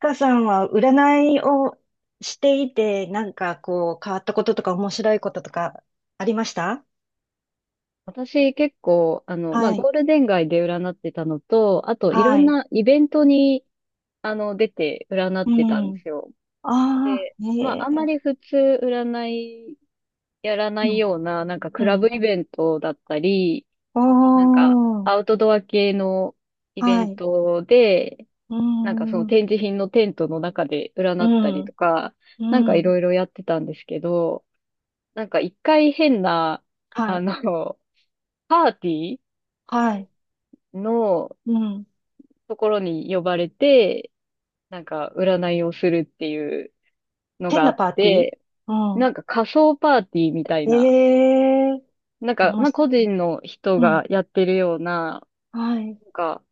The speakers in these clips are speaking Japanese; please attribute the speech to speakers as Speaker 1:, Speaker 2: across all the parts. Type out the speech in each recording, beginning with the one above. Speaker 1: かさんは占いをしていて、なんかこう変わったこととか面白いこととかありました。
Speaker 2: 私結構、
Speaker 1: はい。
Speaker 2: ゴールデン街で占ってたのと、あとい
Speaker 1: は
Speaker 2: ろん
Speaker 1: い。
Speaker 2: なイベントに、出て占っ
Speaker 1: う
Speaker 2: てたんで
Speaker 1: ん。
Speaker 2: すよ。
Speaker 1: ああ、
Speaker 2: で、
Speaker 1: ね
Speaker 2: あんま
Speaker 1: え。
Speaker 2: り普通占いやら
Speaker 1: う
Speaker 2: ない
Speaker 1: ん。
Speaker 2: ような、
Speaker 1: う
Speaker 2: クラブ
Speaker 1: ん。
Speaker 2: イベントだったり、
Speaker 1: おー。
Speaker 2: アウトドア系のイベ
Speaker 1: は
Speaker 2: ン
Speaker 1: い。
Speaker 2: トで、
Speaker 1: う
Speaker 2: その
Speaker 1: ん。う
Speaker 2: 展示品のテントの中で占ったり
Speaker 1: ん。
Speaker 2: とか、
Speaker 1: う
Speaker 2: い
Speaker 1: ん。
Speaker 2: ろいろやってたんですけど、なんか一回変な、
Speaker 1: は
Speaker 2: あ
Speaker 1: い。
Speaker 2: の、パーティ
Speaker 1: はい。
Speaker 2: ーの、
Speaker 1: うん。
Speaker 2: ところに呼ばれて、なんか占いをするっていうの
Speaker 1: 変
Speaker 2: があ
Speaker 1: な
Speaker 2: っ
Speaker 1: パーティー。
Speaker 2: て、
Speaker 1: うん。
Speaker 2: なんか仮想パーティーみたい
Speaker 1: え
Speaker 2: な、
Speaker 1: えー。も
Speaker 2: 個
Speaker 1: し、
Speaker 2: 人の人
Speaker 1: うん。
Speaker 2: がやってるような、
Speaker 1: はい。
Speaker 2: なんか、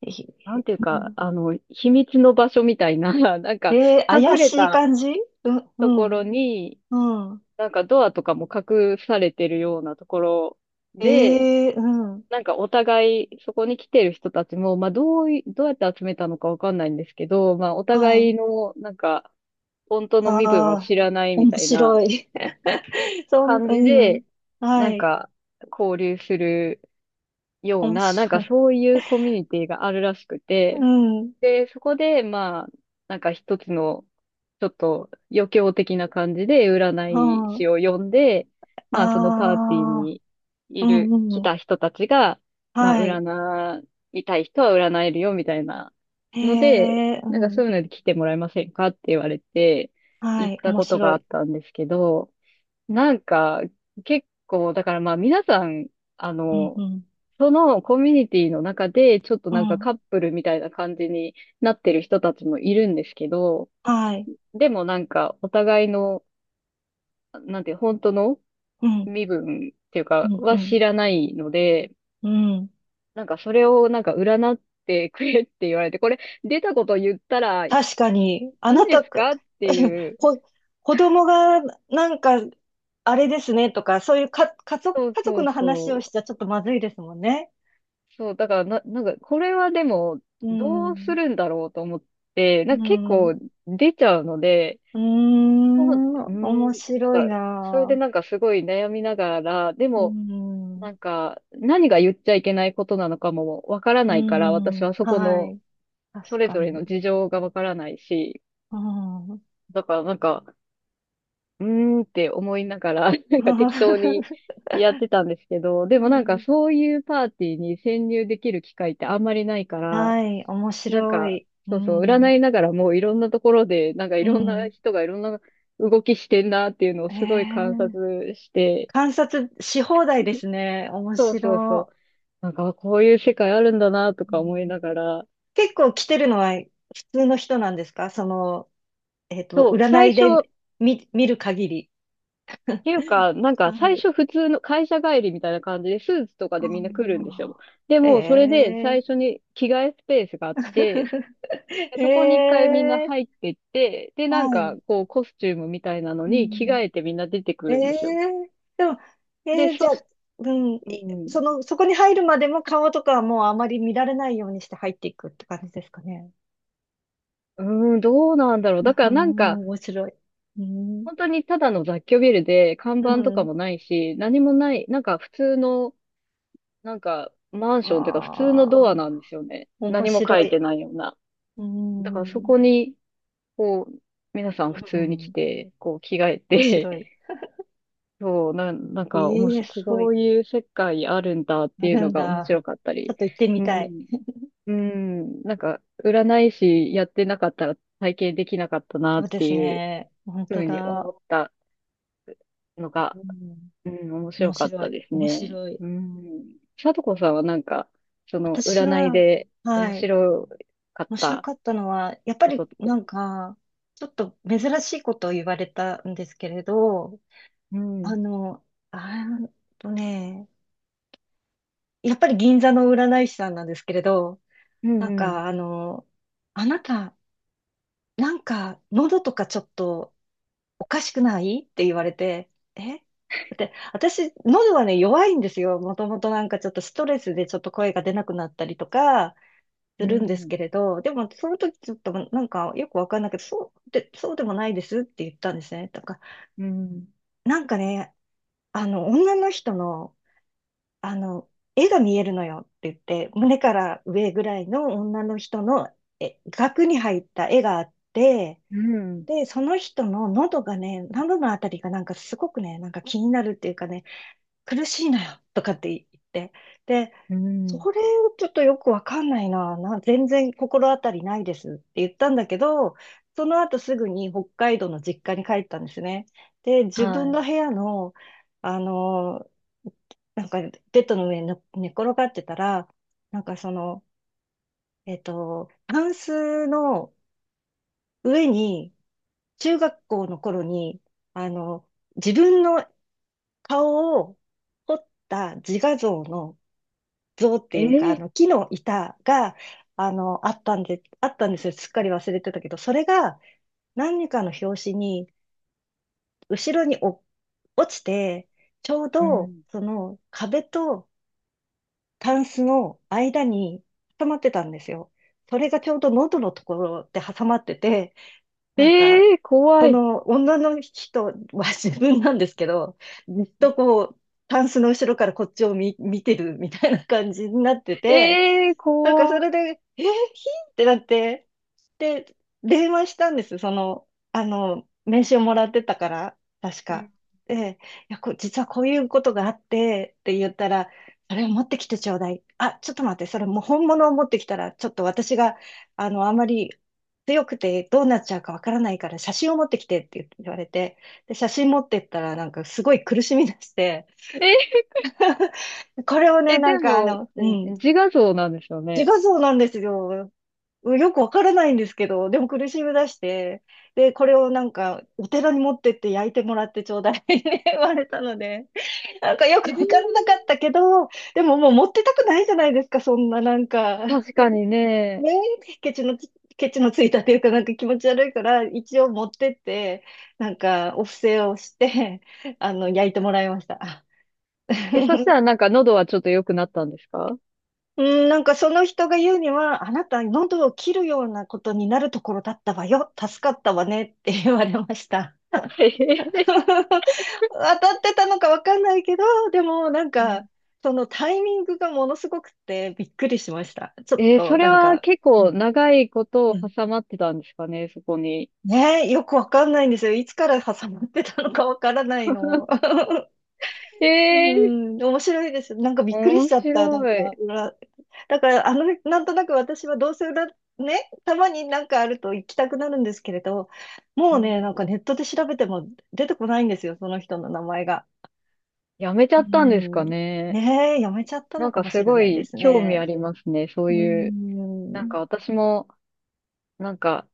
Speaker 1: え、
Speaker 2: なんていう
Speaker 1: う
Speaker 2: か、
Speaker 1: ん、
Speaker 2: あの、秘密の場所みたいな、なんか、
Speaker 1: えー、
Speaker 2: 隠
Speaker 1: 怪
Speaker 2: れ
Speaker 1: しい
Speaker 2: た
Speaker 1: 感じ。うん。う
Speaker 2: とこ
Speaker 1: ん。
Speaker 2: ろに、
Speaker 1: うん。
Speaker 2: なんかドアとかも隠されてるようなところで、
Speaker 1: ええうん。
Speaker 2: なんかお互い、そこに来てる人たちも、まあ、どうやって集めたのかわかんないんですけど、まあ、お
Speaker 1: は
Speaker 2: 互い
Speaker 1: い。
Speaker 2: の、本当
Speaker 1: あ
Speaker 2: の身分は
Speaker 1: あ、
Speaker 2: 知らないみ
Speaker 1: 面
Speaker 2: たいな
Speaker 1: 白い。そん、
Speaker 2: 感じ
Speaker 1: うん。
Speaker 2: で、な
Speaker 1: は
Speaker 2: ん
Speaker 1: い。
Speaker 2: か、交流するよう
Speaker 1: 面
Speaker 2: な、なん
Speaker 1: 白
Speaker 2: か
Speaker 1: い。
Speaker 2: そういうコミュニティがあるらしく
Speaker 1: う
Speaker 2: て、
Speaker 1: ん。
Speaker 2: で、そこで、なんか一つの、ちょっと余興的な感じで、占
Speaker 1: う
Speaker 2: い
Speaker 1: ん。
Speaker 2: 師を呼んで、まあ、そのパー
Speaker 1: あ
Speaker 2: ティー
Speaker 1: あ、
Speaker 2: にい
Speaker 1: う
Speaker 2: る、
Speaker 1: ん
Speaker 2: 来
Speaker 1: うん。
Speaker 2: た人たちが、まあ、
Speaker 1: はい。
Speaker 2: 占いたい人は占えるよ、みたいな
Speaker 1: へ
Speaker 2: ので、
Speaker 1: え、う
Speaker 2: なんかそ
Speaker 1: ん。
Speaker 2: ういうので来てもらえませんかって言われて、
Speaker 1: は
Speaker 2: 行っ
Speaker 1: い。
Speaker 2: た
Speaker 1: 面
Speaker 2: ことが
Speaker 1: 白
Speaker 2: あっ
Speaker 1: い。
Speaker 2: たんですけど、なんか、結構、だからまあ皆さん、あ
Speaker 1: うんう
Speaker 2: の、
Speaker 1: ん。
Speaker 2: そのコミュニティの中で、ちょっと
Speaker 1: う
Speaker 2: なんか
Speaker 1: ん。
Speaker 2: カップルみたいな感じになってる人たちもいるんですけど、
Speaker 1: はい。
Speaker 2: でもなんかお互いの、なんて、本当の
Speaker 1: うん。
Speaker 2: 身分っていう
Speaker 1: う
Speaker 2: か、
Speaker 1: んう
Speaker 2: は
Speaker 1: ん。
Speaker 2: 知らないので、
Speaker 1: うん。
Speaker 2: なんかそれをなんか占ってくれって言われて、これ出たこと言ったらい
Speaker 1: 確かに、あ
Speaker 2: い
Speaker 1: な
Speaker 2: で
Speaker 1: た
Speaker 2: す
Speaker 1: く、
Speaker 2: かって いう、
Speaker 1: こ子供がなんか、あれですねとか、そういうか、家族、
Speaker 2: そう
Speaker 1: 家
Speaker 2: そ
Speaker 1: 族
Speaker 2: う
Speaker 1: の話を
Speaker 2: そ
Speaker 1: し
Speaker 2: う。
Speaker 1: ちゃちょっとまずいですもんね。
Speaker 2: そう、だからな、なんか、これはでも、
Speaker 1: う
Speaker 2: どうす
Speaker 1: ん、
Speaker 2: るんだろうと思って、
Speaker 1: う
Speaker 2: なんか結
Speaker 1: ん、
Speaker 2: 構出ちゃうので、
Speaker 1: うー
Speaker 2: そう、
Speaker 1: ん、
Speaker 2: うー
Speaker 1: 面
Speaker 2: ん、なん
Speaker 1: 白い
Speaker 2: か、それで
Speaker 1: な
Speaker 2: なんかすごい悩みながら、で
Speaker 1: ぁ。う
Speaker 2: も、
Speaker 1: ん、
Speaker 2: 何が言っちゃいけないことなのかもわから
Speaker 1: う
Speaker 2: ないから、私
Speaker 1: ん、
Speaker 2: はそこ
Speaker 1: は
Speaker 2: の、
Speaker 1: い、
Speaker 2: そ
Speaker 1: 確
Speaker 2: れ
Speaker 1: か
Speaker 2: ぞれ
Speaker 1: に。
Speaker 2: の事情がわからないし、
Speaker 1: うん、うん
Speaker 2: だからなんか、うーんって思いながら、なんか適当にやってたんですけど、でもなんかそういうパーティーに潜入できる機会ってあんまりないから、
Speaker 1: はい、面
Speaker 2: なん
Speaker 1: 白
Speaker 2: か、
Speaker 1: い。う
Speaker 2: そうそう、
Speaker 1: ん、
Speaker 2: 占いながらもういろんなところで、なんかい
Speaker 1: う
Speaker 2: ろんな
Speaker 1: ん。
Speaker 2: 人がいろんな動きしてんなっていうのを
Speaker 1: え
Speaker 2: すごい観
Speaker 1: ー、
Speaker 2: 察して、
Speaker 1: 観察し放題ですね。面
Speaker 2: そうそうそう、
Speaker 1: 白い。
Speaker 2: なんかあこういう世界あるんだなと
Speaker 1: う
Speaker 2: か思い
Speaker 1: ん、
Speaker 2: ながら、
Speaker 1: 結構来てるのは普通の人なんですか、その、えっと、
Speaker 2: そう、
Speaker 1: 占
Speaker 2: 最
Speaker 1: い
Speaker 2: 初、っ
Speaker 1: で見、見る限り。
Speaker 2: ていうか、なんか
Speaker 1: は
Speaker 2: 最
Speaker 1: い。
Speaker 2: 初普通の会社帰りみたいな感じでスーツとかでみんな来るんですよ。
Speaker 1: あ
Speaker 2: で
Speaker 1: あ、え
Speaker 2: も、それで最初
Speaker 1: え
Speaker 2: に着替えスペースがあって、でそこに一
Speaker 1: え
Speaker 2: 回みんな
Speaker 1: え
Speaker 2: 入ってって、で、なん
Speaker 1: はい。
Speaker 2: かこうコスチュームみたいなの
Speaker 1: う
Speaker 2: に着替
Speaker 1: ん。
Speaker 2: えてみんな出てく
Speaker 1: え
Speaker 2: るんで
Speaker 1: え
Speaker 2: すよ。
Speaker 1: でも、え
Speaker 2: で、
Speaker 1: え
Speaker 2: そ
Speaker 1: じゃ
Speaker 2: し、
Speaker 1: あ、うん、
Speaker 2: う
Speaker 1: い、そ
Speaker 2: ん。
Speaker 1: の、そこに入るまでも顔とかはもうあまり見られないようにして入っていくって感じですかね。
Speaker 2: うーん、どうなんだろう。だか
Speaker 1: う
Speaker 2: らなん
Speaker 1: ん
Speaker 2: か、
Speaker 1: 面白い。うん。
Speaker 2: 本当にただの雑居ビルで、看
Speaker 1: う
Speaker 2: 板とか
Speaker 1: ん。
Speaker 2: もないし、何もない、なんか普通の、なんかマンションっていうか普通
Speaker 1: あ
Speaker 2: のドア
Speaker 1: あ、
Speaker 2: なんですよね。
Speaker 1: 面
Speaker 2: 何も
Speaker 1: 白
Speaker 2: 書いて
Speaker 1: い。
Speaker 2: ないような。
Speaker 1: うー
Speaker 2: だからそ
Speaker 1: ん。
Speaker 2: こに、こう、皆さん
Speaker 1: う
Speaker 2: 普通に来
Speaker 1: ん
Speaker 2: て、こう着替え
Speaker 1: 面
Speaker 2: て、
Speaker 1: 白い。
Speaker 2: なんか面
Speaker 1: ええ
Speaker 2: 白い、
Speaker 1: すご
Speaker 2: そ
Speaker 1: い。
Speaker 2: ういう世界あるんだって
Speaker 1: あ
Speaker 2: いう
Speaker 1: る
Speaker 2: の
Speaker 1: ん
Speaker 2: が面
Speaker 1: だ。
Speaker 2: 白かった
Speaker 1: ちょっ
Speaker 2: り。
Speaker 1: と行ってみ
Speaker 2: う
Speaker 1: たい。
Speaker 2: ん。うん。なんか、占い師やってなかったら体験できなかったな
Speaker 1: そ
Speaker 2: っ
Speaker 1: うで
Speaker 2: て
Speaker 1: す
Speaker 2: いう
Speaker 1: ね。本
Speaker 2: ふ
Speaker 1: 当
Speaker 2: うに思
Speaker 1: だ。
Speaker 2: った。のが、
Speaker 1: うん。
Speaker 2: うん、面白
Speaker 1: 面
Speaker 2: かっ
Speaker 1: 白
Speaker 2: た
Speaker 1: い。
Speaker 2: です
Speaker 1: 面
Speaker 2: ね。
Speaker 1: 白い。
Speaker 2: うん。さとこさんはなんか、その、
Speaker 1: 私
Speaker 2: 占い
Speaker 1: は、
Speaker 2: で面
Speaker 1: はい。
Speaker 2: 白かっ
Speaker 1: 面白
Speaker 2: た
Speaker 1: かったのは、やっぱ
Speaker 2: こと
Speaker 1: り
Speaker 2: って。
Speaker 1: なんか、ちょっと珍しいことを言われたんですけれど、
Speaker 2: う
Speaker 1: あ
Speaker 2: ん。
Speaker 1: の、あーっとね、やっぱり銀座の占い師さんなんですけれど、
Speaker 2: うん、
Speaker 1: なん
Speaker 2: うん、
Speaker 1: かあの、あなた、なんか喉とかちょっとおかしくないって言われて、え、私、喉はね、弱いんですよ。もともとなんかちょっとストレスでちょっと声が出なくなったりとかす
Speaker 2: う
Speaker 1: るんです
Speaker 2: ん、
Speaker 1: けれど、でもその時ちょっとなんかよくわかんないけど、そうでもないですって言ったんですね。とか、
Speaker 2: うん、
Speaker 1: なんかね、あの、女の人の、あの、絵が見えるのよって言って、胸から上ぐらいの女の人のえ額に入った絵があって、
Speaker 2: うん、
Speaker 1: で、その人の喉がね、喉のあたりがなんかすごくね、なんか気になるっていうかね、苦しいのよとかって言って、で、
Speaker 2: う
Speaker 1: そ
Speaker 2: ん。
Speaker 1: れをちょっとよくわかんない全然心当たりないですって言ったんだけど、その後すぐに北海道の実家に帰ったんですね。で、自
Speaker 2: は
Speaker 1: 分
Speaker 2: い。
Speaker 1: の部屋の、あの、なんかベッドの上にね寝転がってたら、なんかその、タンスの上に中学校の頃に、あの、自分の顔を彫った自画像の像っていうか、あ
Speaker 2: ええ
Speaker 1: の、木の板が、あの、あったんで、あったんですよ。すっかり忘れてたけど、それが何かの拍子に、後ろに落ちて、ちょう
Speaker 2: う
Speaker 1: ど、
Speaker 2: ん。
Speaker 1: その壁とタンスの間に挟まってたんですよ。それがちょうど喉のところで挟まってて、なんか、
Speaker 2: ええ怖
Speaker 1: そ
Speaker 2: い。
Speaker 1: の女の人は 自分なんですけど、ずっ
Speaker 2: うん
Speaker 1: とこう、タンスの後ろからこっちを見てるみたいな感じになってて、
Speaker 2: ええー
Speaker 1: なんかそ
Speaker 2: 怖い。
Speaker 1: れで、え、ひってなって、で、電話したんです。その、あの、名刺をもらってたから、確
Speaker 2: う
Speaker 1: か。
Speaker 2: ん
Speaker 1: で、いや、実はこういうことがあって、って言ったら、それを持ってきてちょうだい。あ、ちょっと待って、それもう本物を持ってきたら、ちょっと私が、あの、あまり強くてどうなっちゃうかわからないから、写真を持ってきてって言われて、で、写真持ってったら、なんかすごい苦しみだして、
Speaker 2: え、
Speaker 1: これをね、
Speaker 2: え、
Speaker 1: な
Speaker 2: で
Speaker 1: んかあ
Speaker 2: も、
Speaker 1: の、うん、
Speaker 2: 自画像なんですよ
Speaker 1: 自
Speaker 2: ね。
Speaker 1: 画像なんですよ。うん、よくわからないんですけど、でも苦しみ出して、で、これをなんか、お寺に持ってって焼いてもらってちょうだい って言われたので、なんかよ
Speaker 2: え
Speaker 1: くわから
Speaker 2: ー
Speaker 1: なかったけど、でももう持ってたくないじゃないですか、そんななんか。
Speaker 2: 確かに ね。
Speaker 1: ねえ、ケチのついたというか、なんか気持ち悪いから、一応持ってって、なんか、お布施をして、あの、焼いてもらいました。
Speaker 2: え、そした らなんか喉はちょっと良くなったんですか。
Speaker 1: うん、なんかその人が言うには、あなた喉を切るようなことになるところだったわよ。助かったわねって言われました。
Speaker 2: えへへ
Speaker 1: 当たってたのかわかんないけど、でもなんか、そのタイミングがものすごくてびっくりしました。ちょっ
Speaker 2: えーそ
Speaker 1: と
Speaker 2: れ
Speaker 1: なん
Speaker 2: は
Speaker 1: か、
Speaker 2: 結
Speaker 1: う
Speaker 2: 構
Speaker 1: ん、
Speaker 2: 長いことを
Speaker 1: うん。
Speaker 2: 挟まってたんですかね、そこに。
Speaker 1: ねえ、よくわかんないんですよ。いつから挟まってたのかわからないの。
Speaker 2: え
Speaker 1: う
Speaker 2: えー
Speaker 1: ん、面白いです。なんかびっくりし
Speaker 2: 面
Speaker 1: ちゃった。
Speaker 2: 白
Speaker 1: なんか、
Speaker 2: い、
Speaker 1: 裏、だから、あの、なんとなく私はどうせ裏、ね、たまになんかあると行きたくなるんですけれど、も
Speaker 2: う
Speaker 1: うね、
Speaker 2: ん。
Speaker 1: なんかネットで調べても出てこないんですよ、その人の名前が。
Speaker 2: やめち
Speaker 1: う
Speaker 2: ゃったんです
Speaker 1: ん。
Speaker 2: かね。
Speaker 1: ねえ、やめちゃった
Speaker 2: な
Speaker 1: の
Speaker 2: ん
Speaker 1: か
Speaker 2: か
Speaker 1: も
Speaker 2: す
Speaker 1: しれ
Speaker 2: ご
Speaker 1: ないで
Speaker 2: い
Speaker 1: す
Speaker 2: 興味あ
Speaker 1: ね。
Speaker 2: りますね、そう
Speaker 1: う
Speaker 2: いう。なん
Speaker 1: ん。
Speaker 2: か私も、なんか、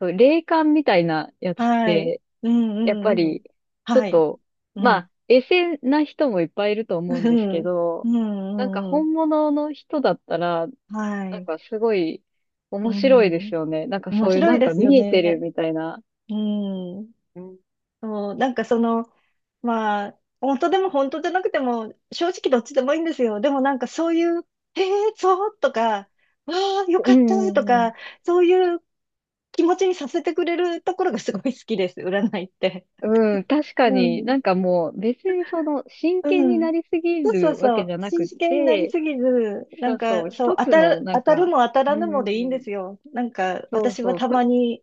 Speaker 2: そう霊感みたいなやつっ
Speaker 1: はい。
Speaker 2: て、
Speaker 1: う
Speaker 2: やっ
Speaker 1: ん
Speaker 2: ぱ
Speaker 1: うんうん。
Speaker 2: り、ちょっ
Speaker 1: はい。
Speaker 2: と、
Speaker 1: う
Speaker 2: ま
Speaker 1: ん。
Speaker 2: あ、エセな人もいっぱいいると
Speaker 1: う
Speaker 2: 思うんです
Speaker 1: ん。
Speaker 2: け
Speaker 1: うん
Speaker 2: ど、
Speaker 1: う
Speaker 2: なんか
Speaker 1: んうん。
Speaker 2: 本物の人だったら、
Speaker 1: は
Speaker 2: なん
Speaker 1: い。
Speaker 2: かすごい
Speaker 1: う
Speaker 2: 面白いで
Speaker 1: ん。
Speaker 2: すよね。なんか
Speaker 1: 面
Speaker 2: そういう
Speaker 1: 白
Speaker 2: な
Speaker 1: い
Speaker 2: ん
Speaker 1: で
Speaker 2: か
Speaker 1: すよ
Speaker 2: 見えてる
Speaker 1: ね。
Speaker 2: みたいな。
Speaker 1: うん。
Speaker 2: うん
Speaker 1: そう、なんかその、まあ、本当でも本当じゃなくても、正直どっちでもいいんですよ。でもなんかそういう、えー、そうとか、わあ、よ
Speaker 2: う
Speaker 1: かったと
Speaker 2: んう
Speaker 1: か、
Speaker 2: ん
Speaker 1: そういう気持ちにさせてくれるところがすごい好きです、占いって。
Speaker 2: うん。うん、確か
Speaker 1: う
Speaker 2: に
Speaker 1: ん。
Speaker 2: なんかもう別にその真
Speaker 1: う
Speaker 2: 剣に
Speaker 1: ん。
Speaker 2: なりすぎ
Speaker 1: そうそう
Speaker 2: るわ
Speaker 1: そ
Speaker 2: けじ
Speaker 1: う。
Speaker 2: ゃなく
Speaker 1: 真
Speaker 2: っ
Speaker 1: 剣になり
Speaker 2: て、
Speaker 1: すぎず、な
Speaker 2: そ
Speaker 1: ん
Speaker 2: うそ
Speaker 1: か
Speaker 2: う、
Speaker 1: そう、
Speaker 2: 一つのなん
Speaker 1: 当たる
Speaker 2: か、
Speaker 1: も当たら
Speaker 2: う
Speaker 1: ぬ
Speaker 2: んう
Speaker 1: も
Speaker 2: ん
Speaker 1: でいいん
Speaker 2: う
Speaker 1: で
Speaker 2: ん、
Speaker 1: すよ。なんか
Speaker 2: そう
Speaker 1: 私は
Speaker 2: そう、
Speaker 1: たま
Speaker 2: そ、
Speaker 1: に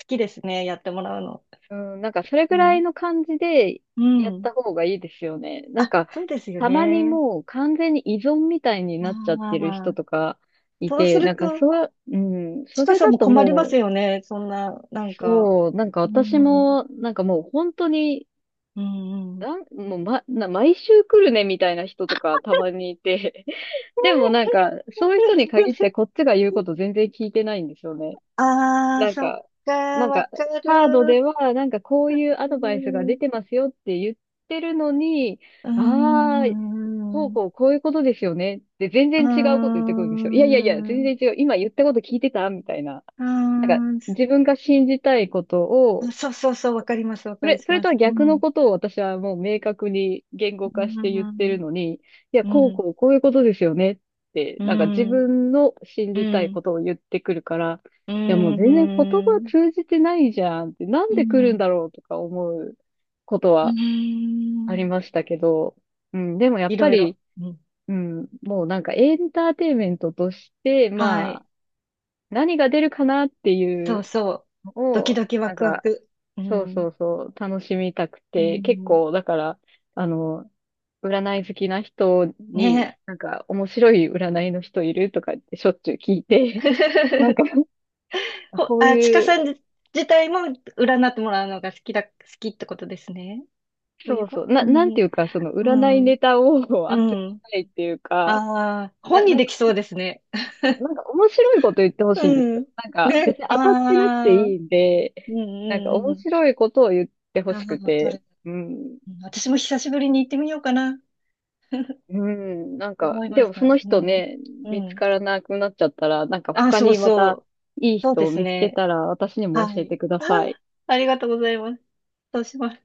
Speaker 1: 好きですね、やってもらうの。
Speaker 2: うん、なんかそれ
Speaker 1: う
Speaker 2: ぐら
Speaker 1: ん。
Speaker 2: いの感じで
Speaker 1: う
Speaker 2: やっ
Speaker 1: ん。
Speaker 2: た方がいいですよね。なん
Speaker 1: あ、
Speaker 2: か
Speaker 1: そうですよ
Speaker 2: たまに
Speaker 1: ね。
Speaker 2: もう完全に依存みたいになっちゃってる人
Speaker 1: ああ、
Speaker 2: とかい
Speaker 1: そうす
Speaker 2: て、
Speaker 1: ると、ち
Speaker 2: そ
Speaker 1: か
Speaker 2: れ
Speaker 1: さん
Speaker 2: だ
Speaker 1: も
Speaker 2: と
Speaker 1: 困ります
Speaker 2: もう
Speaker 1: よね。そんな、なんか。
Speaker 2: そう、なんか
Speaker 1: う
Speaker 2: 私
Speaker 1: ん、
Speaker 2: も、なんかもう本当に、
Speaker 1: うん、うん。
Speaker 2: なんもうま、な、毎週来るねみたいな人とかたまにいて、でもなんか、そういう人に限っ てこっちが言うこと全然聞いてないんですよね。
Speaker 1: ああ、
Speaker 2: なん
Speaker 1: そっ
Speaker 2: か、
Speaker 1: か、
Speaker 2: なん
Speaker 1: わ
Speaker 2: か、
Speaker 1: か
Speaker 2: カードで
Speaker 1: る。
Speaker 2: は、なんかこういうア
Speaker 1: う
Speaker 2: ドバイスが出
Speaker 1: ん、
Speaker 2: てますよって言ってるのに、
Speaker 1: う
Speaker 2: ああ、
Speaker 1: ん、う
Speaker 2: こういうことですよねって全
Speaker 1: ん、
Speaker 2: 然違うこと言ってくるんですよ。いやいやいや、全然違う。今言ったこと聞いてたみたいな。
Speaker 1: う
Speaker 2: なんか、
Speaker 1: ん、
Speaker 2: 自分が信じたいこと
Speaker 1: あ、
Speaker 2: を、
Speaker 1: そうそうそう、わかります、わ
Speaker 2: そ
Speaker 1: かり
Speaker 2: れ、それ
Speaker 1: ま
Speaker 2: と
Speaker 1: す。
Speaker 2: は
Speaker 1: う
Speaker 2: 逆の
Speaker 1: ん、
Speaker 2: ことを私はもう明確に言語
Speaker 1: う
Speaker 2: 化
Speaker 1: ん、
Speaker 2: して
Speaker 1: う
Speaker 2: 言ってる
Speaker 1: ん、
Speaker 2: のに、
Speaker 1: うん、
Speaker 2: こういうことですよねって、
Speaker 1: う
Speaker 2: なんか自
Speaker 1: ん、
Speaker 2: 分の信
Speaker 1: う
Speaker 2: じたいこ
Speaker 1: ん、
Speaker 2: とを言ってくるから、い
Speaker 1: う
Speaker 2: や、も
Speaker 1: ん、
Speaker 2: う全
Speaker 1: う
Speaker 2: 然言葉通じてないじゃんって、なんで来るん
Speaker 1: ん、
Speaker 2: だろうとか思うこと
Speaker 1: う
Speaker 2: はあり
Speaker 1: ん。
Speaker 2: ましたけど、うん、でもやっ
Speaker 1: い
Speaker 2: ぱ
Speaker 1: ろいろ。
Speaker 2: り、
Speaker 1: うん。
Speaker 2: うん、もうなんかエンターテインメントとして、
Speaker 1: は
Speaker 2: ま
Speaker 1: い。
Speaker 2: あ、何が出るかなってい
Speaker 1: そう
Speaker 2: う、
Speaker 1: そう。ドキ
Speaker 2: を、
Speaker 1: ドキワクワク。う
Speaker 2: そう
Speaker 1: ん。
Speaker 2: そうそう、楽しみたく
Speaker 1: う
Speaker 2: て、結
Speaker 1: ん。
Speaker 2: 構、だから、あの、占い好きな人に、
Speaker 1: ね
Speaker 2: なんか、面白い占いの人いるとかってしょっちゅう聞いて、なん
Speaker 1: え。
Speaker 2: か、あ
Speaker 1: ほ、
Speaker 2: こう
Speaker 1: あ、ちか
Speaker 2: いう、
Speaker 1: さん自体も占ってもらうのが好きってことですね。そうい
Speaker 2: そ
Speaker 1: う
Speaker 2: う
Speaker 1: こ
Speaker 2: そ
Speaker 1: と
Speaker 2: う、
Speaker 1: う
Speaker 2: な、なん
Speaker 1: ん。
Speaker 2: ていうか、その、
Speaker 1: う
Speaker 2: 占い
Speaker 1: ん。
Speaker 2: ネタを 集め
Speaker 1: うん。
Speaker 2: たいっていうか、
Speaker 1: ああ、本
Speaker 2: な、
Speaker 1: に
Speaker 2: なん
Speaker 1: でき
Speaker 2: か、
Speaker 1: そうですね。
Speaker 2: そうなんか面白いこと 言ってほしいんです
Speaker 1: うん。
Speaker 2: よ。なんか、別
Speaker 1: ね。
Speaker 2: に
Speaker 1: あ
Speaker 2: 当たってなくて
Speaker 1: あ。う
Speaker 2: い
Speaker 1: ん
Speaker 2: いんで、
Speaker 1: う
Speaker 2: なんか
Speaker 1: んう
Speaker 2: 面
Speaker 1: ん。
Speaker 2: 白いことを言ってほ
Speaker 1: あ
Speaker 2: しく
Speaker 1: あ、わか
Speaker 2: て、
Speaker 1: る。
Speaker 2: うん。
Speaker 1: うん、私も久しぶりに行ってみようかな。
Speaker 2: うん、なんか、
Speaker 1: 思いま
Speaker 2: で
Speaker 1: し
Speaker 2: もそ
Speaker 1: た。
Speaker 2: の
Speaker 1: う
Speaker 2: 人
Speaker 1: ん。
Speaker 2: ね、
Speaker 1: う
Speaker 2: 見つ
Speaker 1: ん。
Speaker 2: からなくなっちゃったら、なんか
Speaker 1: あ、
Speaker 2: 他
Speaker 1: そう
Speaker 2: にま
Speaker 1: そ
Speaker 2: た
Speaker 1: う。
Speaker 2: いい
Speaker 1: そう
Speaker 2: 人
Speaker 1: で
Speaker 2: を
Speaker 1: す
Speaker 2: 見つけ
Speaker 1: ね。
Speaker 2: たら私にも
Speaker 1: は
Speaker 2: 教え
Speaker 1: い。
Speaker 2: てく だ
Speaker 1: あー、
Speaker 2: さい。
Speaker 1: ありがとうございます。そうします。